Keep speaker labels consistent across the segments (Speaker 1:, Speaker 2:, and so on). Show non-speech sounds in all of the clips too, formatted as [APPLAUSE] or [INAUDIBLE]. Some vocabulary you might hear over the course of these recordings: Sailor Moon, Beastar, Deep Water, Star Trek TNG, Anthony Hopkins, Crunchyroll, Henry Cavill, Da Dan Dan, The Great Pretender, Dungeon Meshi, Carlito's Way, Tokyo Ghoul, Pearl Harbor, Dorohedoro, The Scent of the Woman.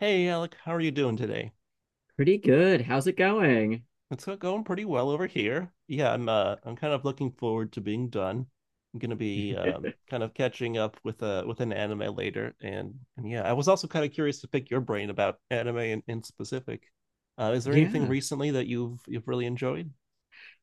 Speaker 1: Hey Alec, how are you doing today?
Speaker 2: Pretty good. How's it going?
Speaker 1: It's going pretty well over here. Yeah, I'm kind of looking forward to being done. I'm gonna be kind of catching up with an anime later and yeah, I was also kind of curious to pick your brain about anime in specific. Is there anything
Speaker 2: Yeah.
Speaker 1: recently that you've really enjoyed?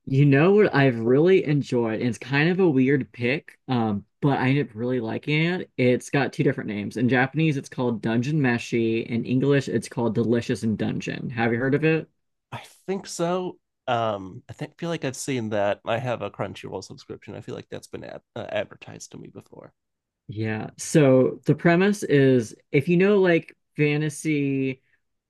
Speaker 2: You know what I've really enjoyed, and it's kind of a weird pick, but I ended up really liking it. It's got two different names. In Japanese, it's called Dungeon Meshi. In English, it's called Delicious in Dungeon. Have you heard of it?
Speaker 1: I think so. I think feel like I've seen that. I have a Crunchyroll subscription. I feel like that's been ad advertised to me before.
Speaker 2: Yeah. So the premise is if you know like fantasy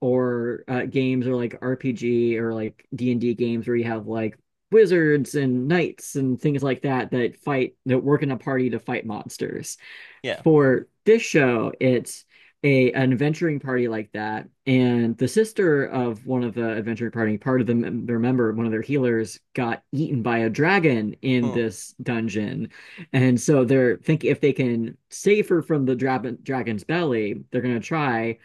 Speaker 2: or games or like RPG or like D&D games where you have like wizards and knights and things like that that fight that work in a party to fight monsters.
Speaker 1: Yeah.
Speaker 2: For this show, it's a an adventuring party like that, and the sister of one of the adventuring party, part of the their member, one of their healers, got eaten by a dragon in this dungeon, and so they're thinking if they can save her from the dragon's belly, they're gonna try.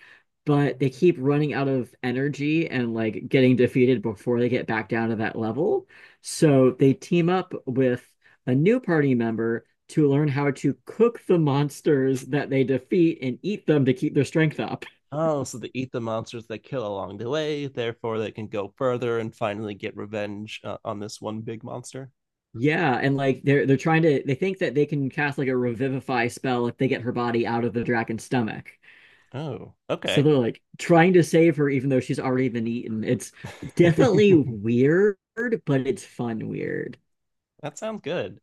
Speaker 2: But they keep running out of energy and like getting defeated before they get back down to that level. So they team up with a new party member to learn how to cook the monsters that they defeat and eat them to keep their strength up.
Speaker 1: Oh, so they eat the monsters they kill along the way, therefore they can go further and finally get revenge on this one big monster.
Speaker 2: Yeah, and like they're trying to they think that they can cast like a revivify spell if they get her body out of the dragon's stomach.
Speaker 1: Oh,
Speaker 2: So
Speaker 1: okay.
Speaker 2: they're like trying to save her even though she's already been eaten. It's definitely
Speaker 1: [LAUGHS]
Speaker 2: weird, but it's fun weird.
Speaker 1: That sounds good.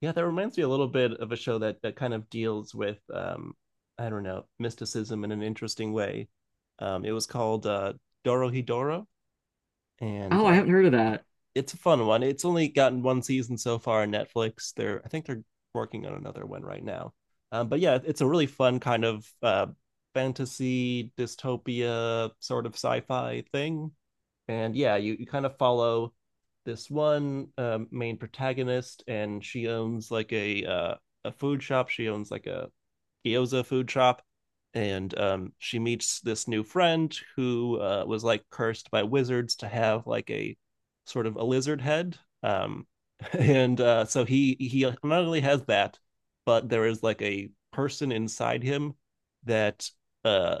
Speaker 1: Yeah, that reminds me a little bit of a show that kind of deals with I don't know, mysticism in an interesting way. It was called Dorohedoro and
Speaker 2: Oh, I
Speaker 1: uh
Speaker 2: haven't heard of that.
Speaker 1: it's a fun one. It's only gotten one season so far on Netflix. They're I think they're working on another one right now. But yeah, it's a really fun kind of fantasy dystopia sort of sci-fi thing and yeah, you kind of follow this one main protagonist, and she owns like a food shop. She owns like a gyoza food shop, and she meets this new friend who was like cursed by wizards to have like a sort of a lizard head. [LAUGHS] And so he not only has that, but there is like a person inside him that uh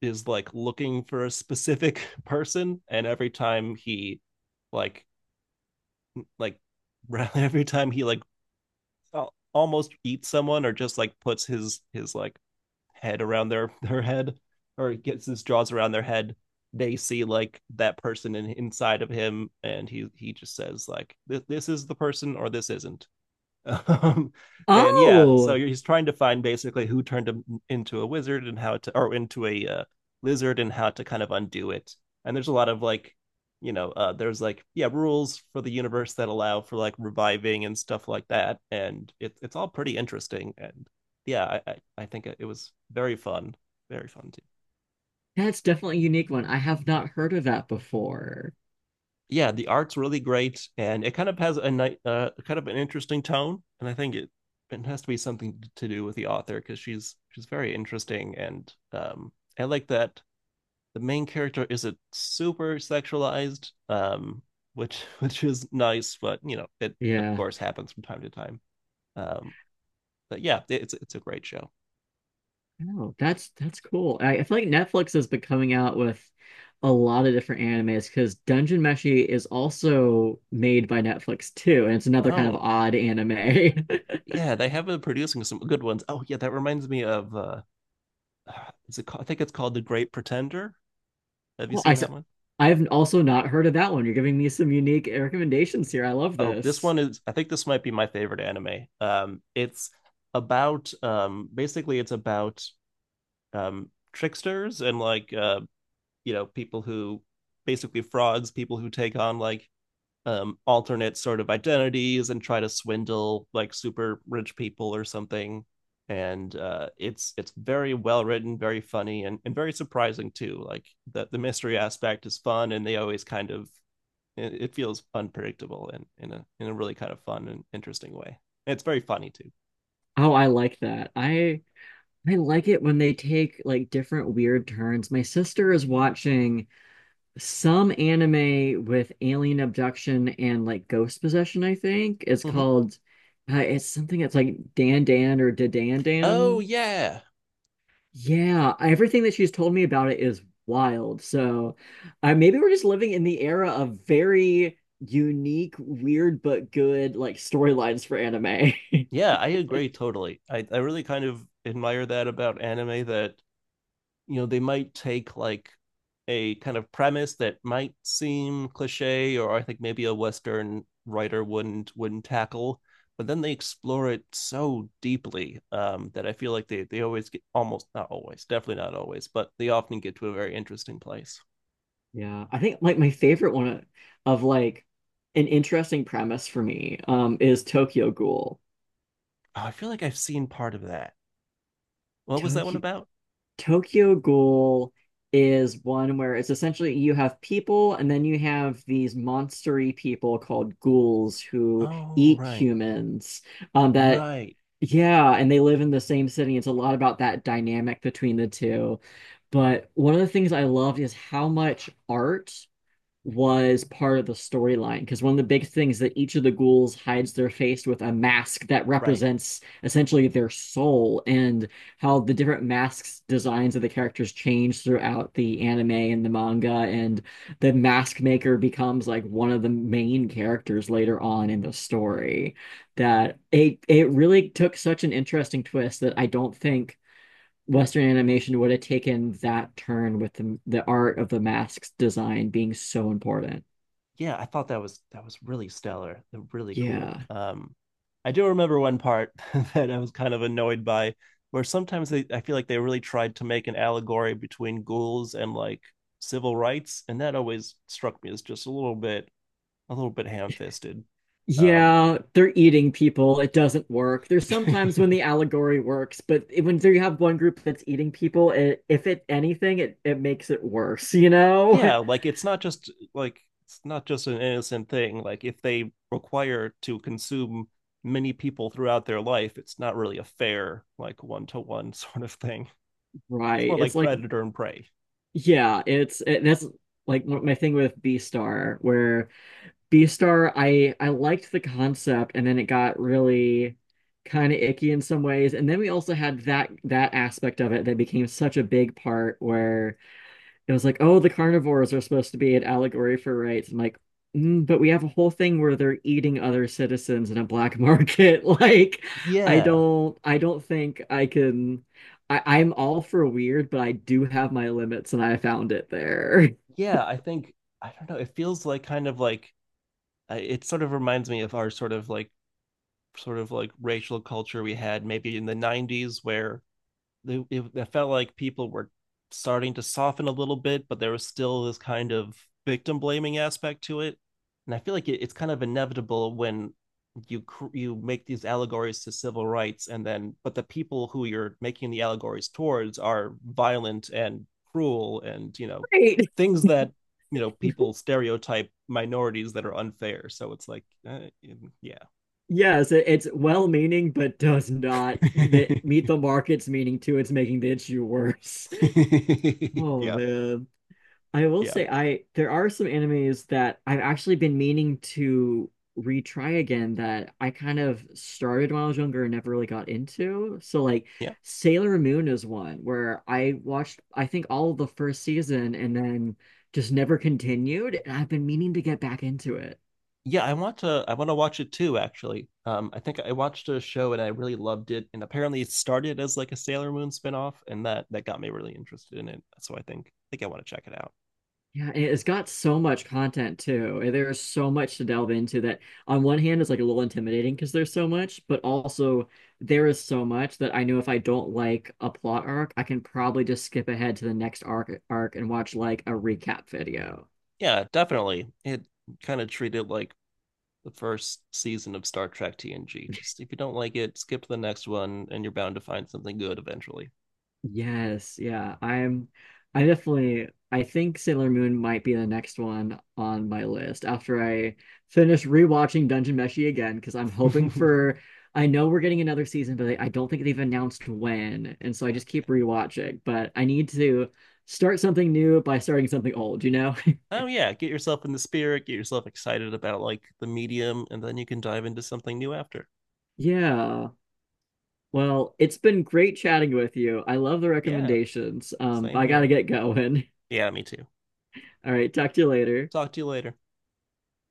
Speaker 1: is like looking for a specific [LAUGHS] person and every time he like like [LAUGHS] every time he like almost eats someone or just like puts his like head around their [LAUGHS] their head or gets his jaws around their head they see like that person inside of him and he just says like this is the person or this isn't um, and yeah, so
Speaker 2: Oh,
Speaker 1: he's trying to find basically who turned him into a wizard and how to, or into a lizard and how to kind of undo it. And there's a lot of there's like yeah rules for the universe that allow for like reviving and stuff like that. And it's all pretty interesting. And yeah, I think it was very fun to.
Speaker 2: that's definitely a unique one. I have not heard of that before.
Speaker 1: Yeah, the art's really great, and it kind of has kind of an interesting tone, and I think it has to be something to do with the author because she's very interesting, and I like that the main character isn't super sexualized, which [LAUGHS] which is nice, but you know it of
Speaker 2: Yeah.
Speaker 1: course happens from time to time. Um, but yeah, it's a great show.
Speaker 2: Oh, that's cool. I feel like Netflix has been coming out with a lot of different animes because Dungeon Meshi is also made by Netflix too, and it's another kind of
Speaker 1: Oh
Speaker 2: odd anime. [LAUGHS]
Speaker 1: yeah, they have been producing some good ones. Oh yeah, that reminds me of [SIGHS] is it called, I think it's called The Great Pretender. Have you
Speaker 2: Well,
Speaker 1: seen that one?
Speaker 2: I've also not heard of that one. You're giving me some unique recommendations here. I love
Speaker 1: Oh, this
Speaker 2: this.
Speaker 1: one is, I think this might be my favorite anime. It's about basically it's about tricksters and like you know people who basically frauds, people who take on like alternate sort of identities and try to swindle like super rich people or something. And it's very well written, very funny and very surprising too. Like the mystery aspect is fun and they always kind of it feels unpredictable and in a really kind of fun and interesting way. And it's very funny too.
Speaker 2: Oh, I like that. I like it when they take like different weird turns. My sister is watching some anime with alien abduction and like ghost possession, I think. It's
Speaker 1: Mhm.
Speaker 2: called it's something that's like Dan Dan or Da Dan
Speaker 1: Oh
Speaker 2: Dan.
Speaker 1: yeah,
Speaker 2: Yeah, everything that she's told me about it is wild. So maybe we're just living in the era of very unique, weird but good like storylines for anime. [LAUGHS]
Speaker 1: yeah, I agree totally. I really kind of admire that about anime that you know they might take like a kind of premise that might seem cliche or I think maybe a Western writer wouldn't tackle, but then they explore it so deeply that I feel like they always get almost not always definitely not always, but they often get to a very interesting place.
Speaker 2: Yeah, I think like my favorite one like an interesting premise for me is Tokyo Ghoul.
Speaker 1: Oh, I feel like I've seen part of that. What was that one
Speaker 2: Tokyo
Speaker 1: about?
Speaker 2: Tokyo Ghoul is one where it's essentially you have people and then you have these monstery people called ghouls who
Speaker 1: Oh,
Speaker 2: eat
Speaker 1: right.
Speaker 2: humans. That
Speaker 1: Right.
Speaker 2: Yeah, and they live in the same city. It's a lot about that dynamic between the two. But one of the things I loved is how much art was part of the storyline because one of the big things that each of the ghouls hides their face with a mask that
Speaker 1: Right.
Speaker 2: represents essentially their soul, and how the different masks designs of the characters change throughout the anime and the manga, and the mask maker becomes like one of the main characters later on in the story, that it really took such an interesting twist that I don't think Western animation would have taken that turn with the art of the masks design being so important.
Speaker 1: Yeah, I thought that was really stellar. Really cool.
Speaker 2: Yeah.
Speaker 1: I do remember one part [LAUGHS] that I was kind of annoyed by where sometimes they I feel like they really tried to make an allegory between ghouls and like civil rights, and that always struck me as just a little bit ham-fisted. Um
Speaker 2: Yeah, they're eating people. It doesn't work. There's sometimes when the
Speaker 1: [LAUGHS]
Speaker 2: allegory works, but when you have one group that's eating people, it, if it anything, it makes it worse, you know? [LAUGHS]
Speaker 1: yeah like it's not just an innocent thing like if they require to consume many people throughout their life it's not really a fair like one-to-one [LAUGHS] sort of thing it's
Speaker 2: Right.
Speaker 1: more like
Speaker 2: It's like,
Speaker 1: predator and prey
Speaker 2: yeah, it's, it. That's like my thing with Beastar, where Beastar, I liked the concept, and then it got really kind of icky in some ways. And then we also had that aspect of it that became such a big part where it was like, oh, the carnivores are supposed to be an allegory for rights. I'm like, mm, but we have a whole thing where they're eating other citizens in a black market. [LAUGHS] Like, I
Speaker 1: yeah
Speaker 2: don't I don't think I can. I'm all for weird, but I do have my limits, and I found it there.
Speaker 1: yeah I don't know it feels like kind of like it sort of reminds me of our sort of like racial culture we had maybe in the 90s where it, it felt like people were starting to soften a little bit, but there was still this kind of victim blaming aspect to it. And I feel like it's kind of inevitable when you you make these allegories to civil rights, and then but the people who you're making the allegories towards are violent and cruel, and you
Speaker 2: [LAUGHS]
Speaker 1: know
Speaker 2: Right.
Speaker 1: things that you know people stereotype minorities that are unfair. So it's like, yeah,
Speaker 2: Yes, it's well-meaning, but does not
Speaker 1: yeah. [LAUGHS]
Speaker 2: meet the market's meaning too. It's making the issue worse.
Speaker 1: [LAUGHS]
Speaker 2: [LAUGHS]
Speaker 1: yeah,
Speaker 2: Oh
Speaker 1: yeah,
Speaker 2: man. I will
Speaker 1: yeah.
Speaker 2: say I there are some animes that I've actually been meaning to retry again that I kind of started when I was younger and never really got into. So like Sailor Moon is one where I watched I think all of the first season and then just never continued, and I've been meaning to get back into it.
Speaker 1: Yeah, I want to watch it too, actually. I think I watched a show and I really loved it, and apparently it started as like a Sailor Moon spinoff, and that got me really interested in it. So I think I want to check it out.
Speaker 2: Yeah, and it's got so much content too, and there's so much to delve into, that on one hand is like a little intimidating because there's so much, but also there is so much that I know if I don't like a plot arc, I can probably just skip ahead to the next arc and watch like a recap video.
Speaker 1: Yeah, definitely. It kind of treated like the first season of Star Trek TNG. Just if you don't like it, skip to the next one, and you're bound to find something good eventually.
Speaker 2: Yes, yeah. I'm I definitely I think Sailor Moon might be the next one on my list after I finish rewatching Dungeon Meshi again because I'm hoping
Speaker 1: [LAUGHS]
Speaker 2: for I know we're getting another season, but I don't think they've announced when, and so I just keep rewatching. But I need to start something new by starting something old, you know? [LAUGHS]
Speaker 1: Oh yeah, get yourself in the spirit, get yourself excited about like the medium, and then you can dive into something new after.
Speaker 2: Yeah. Well, it's been great chatting with you. I love the
Speaker 1: Yeah,
Speaker 2: recommendations. But
Speaker 1: same
Speaker 2: I gotta
Speaker 1: here.
Speaker 2: get going.
Speaker 1: Yeah, me too.
Speaker 2: [LAUGHS] All right, talk to you later.
Speaker 1: Talk to you later.